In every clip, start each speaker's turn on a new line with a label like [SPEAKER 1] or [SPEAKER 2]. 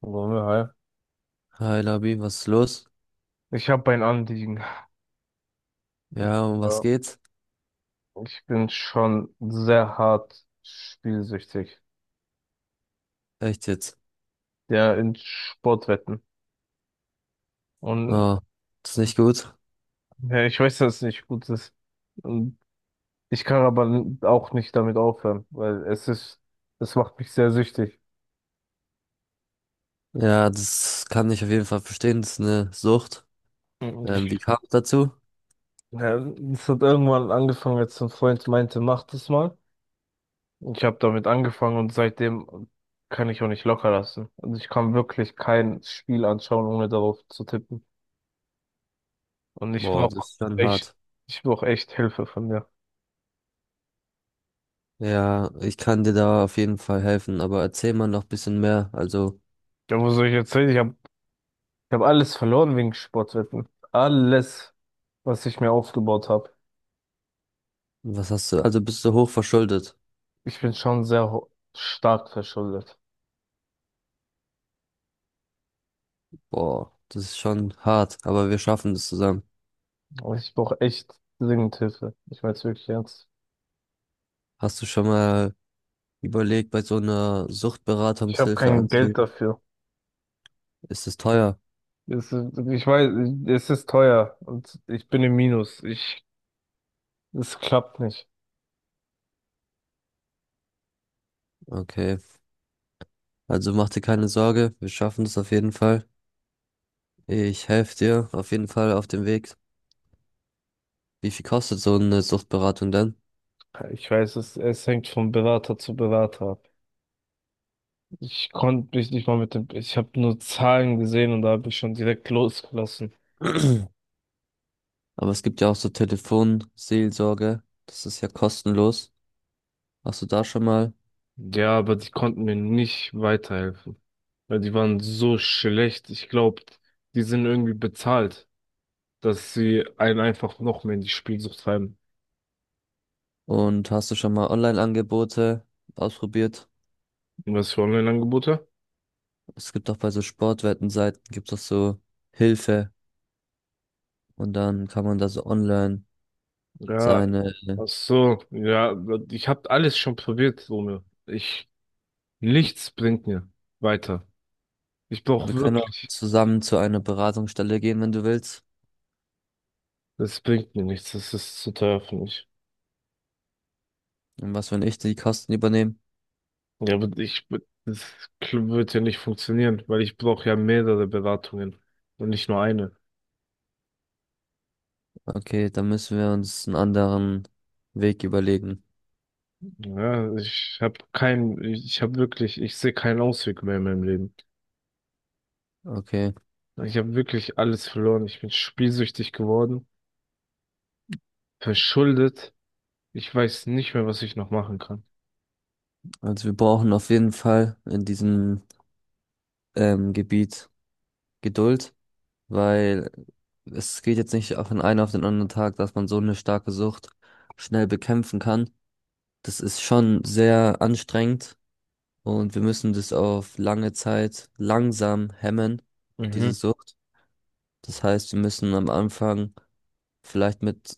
[SPEAKER 1] Wollen wir, hi.
[SPEAKER 2] Hi Labi, was ist los?
[SPEAKER 1] Ich habe ein Anliegen.
[SPEAKER 2] Ja, um was
[SPEAKER 1] Ja,
[SPEAKER 2] geht's?
[SPEAKER 1] ich bin schon sehr hart spielsüchtig.
[SPEAKER 2] Echt jetzt?
[SPEAKER 1] Ja, in Sportwetten. Und
[SPEAKER 2] Oh, das ist nicht gut.
[SPEAKER 1] ja, ich weiß, dass es nicht gut ist. Und ich kann aber auch nicht damit aufhören, weil es ist, es macht mich sehr süchtig.
[SPEAKER 2] Ja, das kann ich auf jeden Fall verstehen. Das ist eine Sucht.
[SPEAKER 1] Und
[SPEAKER 2] Wie kam es dazu?
[SPEAKER 1] ja, es hat irgendwann angefangen, als ein Freund meinte, mach das mal. Und ich habe damit angefangen und seitdem kann ich auch nicht locker lassen. Also ich kann wirklich kein Spiel anschauen, ohne darauf zu tippen. Und
[SPEAKER 2] Boah, das ist schon
[SPEAKER 1] echt,
[SPEAKER 2] hart.
[SPEAKER 1] ich brauch echt Hilfe von dir.
[SPEAKER 2] Ja, ich kann dir da auf jeden Fall helfen, aber erzähl mal noch ein bisschen mehr. Also,
[SPEAKER 1] Ja, wo soll ich jetzt hin? Ich hab alles verloren wegen Sportwetten. Alles, was ich mir aufgebaut habe.
[SPEAKER 2] was hast du? Also bist du hochverschuldet?
[SPEAKER 1] Ich bin schon sehr stark verschuldet.
[SPEAKER 2] Boah, das ist schon hart, aber wir schaffen das zusammen.
[SPEAKER 1] Und ich brauche echt dringend Hilfe. Ich meine es wirklich ernst.
[SPEAKER 2] Hast du schon mal überlegt, bei so einer
[SPEAKER 1] Ich habe
[SPEAKER 2] Suchtberatungshilfe
[SPEAKER 1] kein
[SPEAKER 2] anzu?
[SPEAKER 1] Geld dafür.
[SPEAKER 2] Ist es teuer?
[SPEAKER 1] Es ist, ich weiß, es ist teuer und ich bin im Minus. Ich, es klappt nicht.
[SPEAKER 2] Okay. Also mach dir keine Sorge, wir schaffen das auf jeden Fall. Ich helfe dir auf jeden Fall auf dem Weg. Wie viel kostet so eine Suchtberatung denn?
[SPEAKER 1] Ich weiß, es hängt von Berater zu Berater. Ich konnte mich nicht mal mit dem, ich habe nur Zahlen gesehen und da habe ich schon direkt losgelassen.
[SPEAKER 2] Aber es gibt ja auch so Telefonseelsorge, das ist ja kostenlos. Hast du da schon mal
[SPEAKER 1] Ja, aber die konnten mir nicht weiterhelfen, weil die waren so schlecht. Ich glaube, die sind irgendwie bezahlt, dass sie einen einfach noch mehr in die Spielsucht treiben.
[SPEAKER 2] und hast du schon mal Online-Angebote ausprobiert?
[SPEAKER 1] Und was für Online-Angebote?
[SPEAKER 2] Es gibt auch bei so Sportwettenseiten gibt es so Hilfe und dann kann man da so online
[SPEAKER 1] Ja,
[SPEAKER 2] seine.
[SPEAKER 1] ach so, ja, ich habe alles schon probiert, Junge. Ich, nichts bringt mir weiter. Ich
[SPEAKER 2] Wir
[SPEAKER 1] brauche
[SPEAKER 2] können auch
[SPEAKER 1] wirklich,
[SPEAKER 2] zusammen zu einer Beratungsstelle gehen, wenn du willst.
[SPEAKER 1] das bringt mir nichts, das ist zu teuer für mich.
[SPEAKER 2] Und was, wenn ich die Kosten übernehme?
[SPEAKER 1] Ja, aber ich, das wird ja nicht funktionieren, weil ich brauche ja mehrere Beratungen und nicht nur eine.
[SPEAKER 2] Okay, dann müssen wir uns einen anderen Weg überlegen.
[SPEAKER 1] Ja, ich habe keinen, ich habe wirklich, ich sehe keinen Ausweg mehr in meinem Leben.
[SPEAKER 2] Okay,
[SPEAKER 1] Ich habe wirklich alles verloren. Ich bin spielsüchtig geworden, verschuldet. Ich weiß nicht mehr, was ich noch machen kann.
[SPEAKER 2] also wir brauchen auf jeden Fall in diesem Gebiet Geduld, weil es geht jetzt nicht auf den einen auf den anderen Tag, dass man so eine starke Sucht schnell bekämpfen kann. Das ist schon sehr anstrengend und wir müssen das auf lange Zeit langsam hemmen, diese
[SPEAKER 1] Mhm.
[SPEAKER 2] Sucht. Das heißt, wir müssen am Anfang vielleicht mit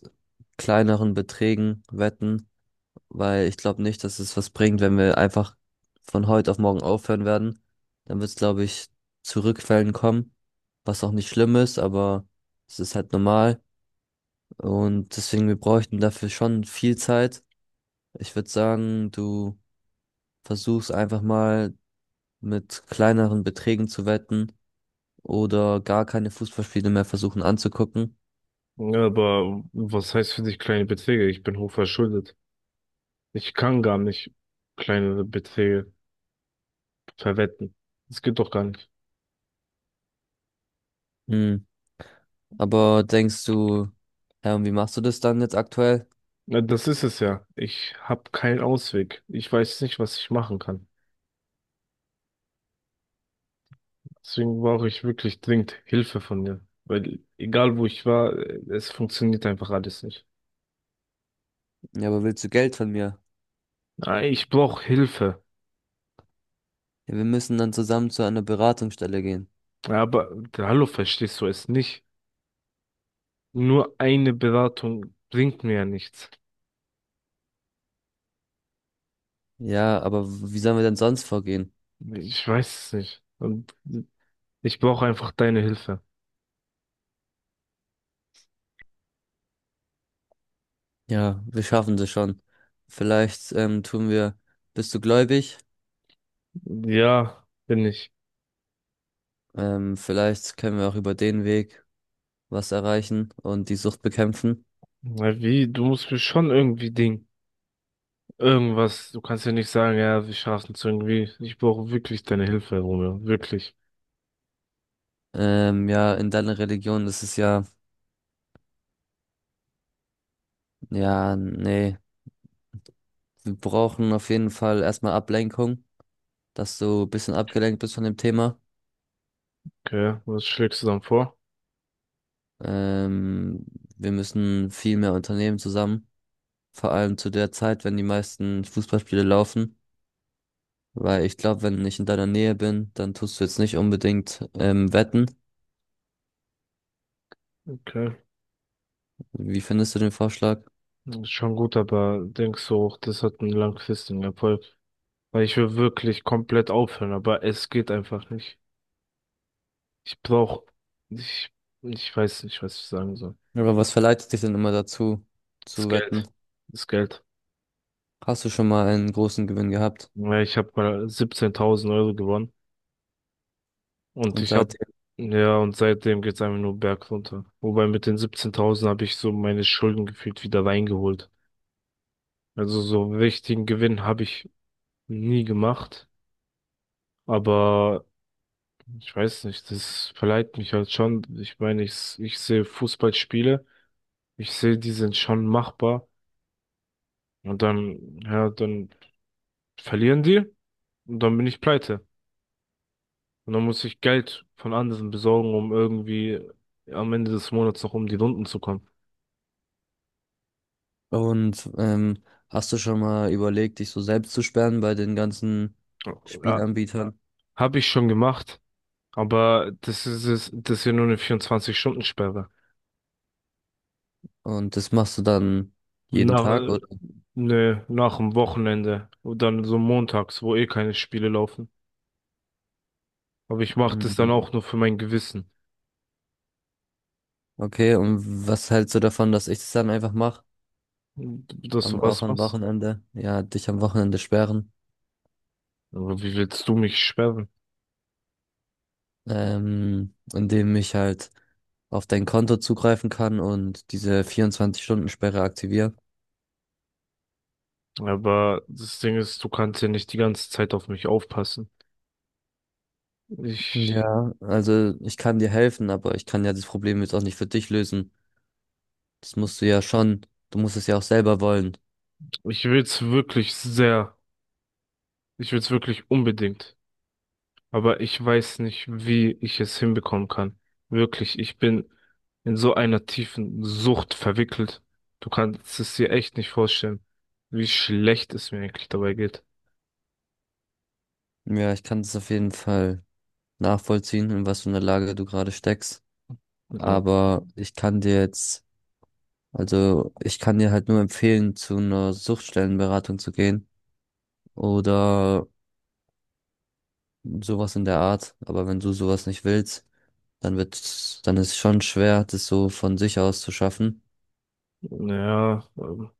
[SPEAKER 2] kleineren Beträgen wetten, weil ich glaube nicht, dass es was bringt, wenn wir einfach von heute auf morgen aufhören werden. Dann wird es, glaube ich, zu Rückfällen kommen, was auch nicht schlimm ist, aber es ist halt normal. Und deswegen, wir bräuchten dafür schon viel Zeit. Ich würde sagen, du versuchst einfach mal mit kleineren Beträgen zu wetten oder gar keine Fußballspiele mehr versuchen anzugucken.
[SPEAKER 1] Ja, aber was heißt für dich kleine Beträge? Ich bin hochverschuldet. Ich kann gar nicht kleinere Beträge verwetten. Das geht doch gar nicht.
[SPEAKER 2] Hm. Aber denkst du, ja, und wie machst du das dann jetzt aktuell?
[SPEAKER 1] Na, das ist es ja. Ich habe keinen Ausweg. Ich weiß nicht, was ich machen kann. Deswegen brauche ich wirklich dringend Hilfe von dir. Weil egal wo ich war, es funktioniert einfach alles nicht.
[SPEAKER 2] Ja, aber willst du Geld von mir?
[SPEAKER 1] Ah, ich brauche Hilfe.
[SPEAKER 2] Ja, wir müssen dann zusammen zu einer Beratungsstelle gehen.
[SPEAKER 1] Ja, aber hallo, verstehst du es nicht? Nur eine Beratung bringt mir ja nichts.
[SPEAKER 2] Ja, aber wie sollen wir denn sonst vorgehen?
[SPEAKER 1] Ich weiß es nicht. Und ich brauche einfach deine Hilfe.
[SPEAKER 2] Ja, wir schaffen das schon. Vielleicht tun wir, bist du gläubig?
[SPEAKER 1] Ja, bin ich.
[SPEAKER 2] Vielleicht können wir auch über den Weg was erreichen und die Sucht bekämpfen.
[SPEAKER 1] Na wie, du musst mir schon irgendwie Ding. Irgendwas, du kannst ja nicht sagen, ja, wir schaffen es irgendwie. Ich brauche wirklich deine Hilfe, Romeo. Wirklich.
[SPEAKER 2] Ja, in deiner Religion ist es ja, ja, nee, wir brauchen auf jeden Fall erstmal Ablenkung, dass du ein bisschen abgelenkt bist von dem Thema.
[SPEAKER 1] Okay, was schlägst du dann vor?
[SPEAKER 2] Ähm, wir müssen viel mehr unternehmen zusammen. Vor allem zu der Zeit, wenn die meisten Fußballspiele laufen. Weil ich glaube, wenn ich in deiner Nähe bin, dann tust du jetzt nicht unbedingt wetten.
[SPEAKER 1] Okay,
[SPEAKER 2] Wie findest du den Vorschlag?
[SPEAKER 1] das ist schon gut, aber denkst du auch, das hat einen langfristigen Erfolg? Weil ich will wirklich komplett aufhören, aber es geht einfach nicht. Ich brauche, ich, ich weiß nicht, was ich sagen soll.
[SPEAKER 2] Aber was verleitet dich denn immer dazu,
[SPEAKER 1] Das
[SPEAKER 2] zu wetten?
[SPEAKER 1] Geld. Das Geld.
[SPEAKER 2] Hast du schon mal einen großen Gewinn gehabt?
[SPEAKER 1] Ja, ich habe mal 17.000 Euro gewonnen. Und
[SPEAKER 2] Und
[SPEAKER 1] ich habe,
[SPEAKER 2] seitdem,
[SPEAKER 1] ja, und seitdem geht's einfach nur bergunter. Wobei mit den 17.000 habe ich so meine Schulden gefühlt wieder reingeholt. Also so einen richtigen Gewinn habe ich nie gemacht. Aber ich weiß nicht, das verleiht mich halt schon. Ich meine, ich sehe Fußballspiele, ich sehe, die sind schon machbar. Und dann, ja, dann verlieren die und dann bin ich pleite. Und dann muss ich Geld von anderen besorgen, um irgendwie am Ende des Monats noch um die Runden zu kommen.
[SPEAKER 2] und hast du schon mal überlegt, dich so selbst zu sperren bei den ganzen
[SPEAKER 1] Ja.
[SPEAKER 2] Spielanbietern?
[SPEAKER 1] Habe ich schon gemacht, aber das ist es, das ist ja nur eine 24-Stunden-Sperre.
[SPEAKER 2] Und das machst du dann jeden
[SPEAKER 1] Nach,
[SPEAKER 2] Tag,
[SPEAKER 1] äh,
[SPEAKER 2] oder?
[SPEAKER 1] ne, nach dem Wochenende und dann so montags, wo eh keine Spiele laufen. Aber ich mache das dann
[SPEAKER 2] Mhm.
[SPEAKER 1] auch nur für mein Gewissen,
[SPEAKER 2] Okay, und was hältst du davon, dass ich das dann einfach mache?
[SPEAKER 1] dass du
[SPEAKER 2] Am, auch
[SPEAKER 1] was
[SPEAKER 2] am
[SPEAKER 1] machst.
[SPEAKER 2] Wochenende. Ja, dich am Wochenende sperren.
[SPEAKER 1] Aber wie willst du mich sperren?
[SPEAKER 2] Indem ich halt auf dein Konto zugreifen kann und diese 24-Stunden-Sperre aktiviere.
[SPEAKER 1] Aber das Ding ist, du kannst ja nicht die ganze Zeit auf mich aufpassen. Ich,
[SPEAKER 2] Ja, also ich kann dir helfen, aber ich kann ja das Problem jetzt auch nicht für dich lösen. Das musst du ja schon, du musst es ja auch selber wollen.
[SPEAKER 1] ich will's wirklich sehr. Ich will's wirklich unbedingt. Aber ich weiß nicht, wie ich es hinbekommen kann. Wirklich, ich bin in so einer tiefen Sucht verwickelt. Du kannst es dir echt nicht vorstellen, wie schlecht es mir eigentlich dabei geht.
[SPEAKER 2] Ja, ich kann es auf jeden Fall nachvollziehen, in was für einer Lage du gerade steckst.
[SPEAKER 1] Ja,
[SPEAKER 2] Aber ich kann dir jetzt, also ich kann dir halt nur empfehlen, zu einer Suchtstellenberatung zu gehen oder sowas in der Art. Aber wenn du sowas nicht willst, dann wird's, dann ist es schon schwer, das so von sich aus zu schaffen.
[SPEAKER 1] naja,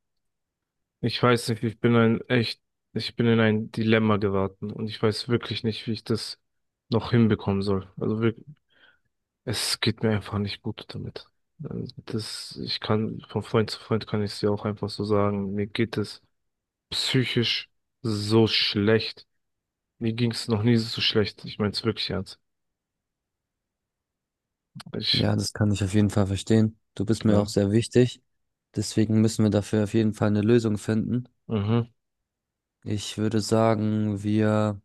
[SPEAKER 1] ich weiß nicht, ich bin ein echt, ich bin in ein Dilemma geraten und ich weiß wirklich nicht, wie ich das noch hinbekommen soll. Also wirklich, es geht mir einfach nicht gut damit. Also das, ich kann von Freund zu Freund kann ich es dir auch einfach so sagen, mir geht es psychisch so schlecht. Mir ging es noch nie so schlecht. Ich meine es wirklich ernst. Ich,
[SPEAKER 2] Ja, das kann ich auf jeden Fall verstehen. Du bist mir
[SPEAKER 1] ja.
[SPEAKER 2] auch sehr wichtig. Deswegen müssen wir dafür auf jeden Fall eine Lösung finden.
[SPEAKER 1] Mhm,
[SPEAKER 2] Ich würde sagen, wir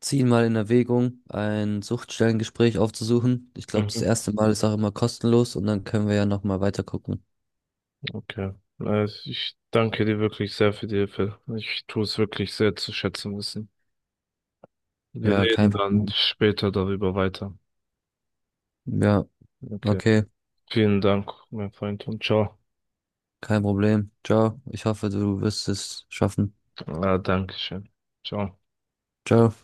[SPEAKER 2] ziehen mal in Erwägung, ein Suchtstellengespräch aufzusuchen. Ich glaube,
[SPEAKER 1] mhm,
[SPEAKER 2] das erste Mal ist auch immer kostenlos und dann können wir ja nochmal weiter gucken.
[SPEAKER 1] okay. Also ich danke dir wirklich sehr für die Hilfe. Ich tue es wirklich sehr zu schätzen wissen. Wir
[SPEAKER 2] Ja, kein
[SPEAKER 1] reden dann
[SPEAKER 2] Problem.
[SPEAKER 1] später darüber weiter.
[SPEAKER 2] Ja,
[SPEAKER 1] Okay.
[SPEAKER 2] okay,
[SPEAKER 1] Vielen Dank, mein Freund, und ciao.
[SPEAKER 2] kein Problem. Ciao. Ich hoffe, du wirst es schaffen.
[SPEAKER 1] Ja, danke schön. Ciao.
[SPEAKER 2] Ciao.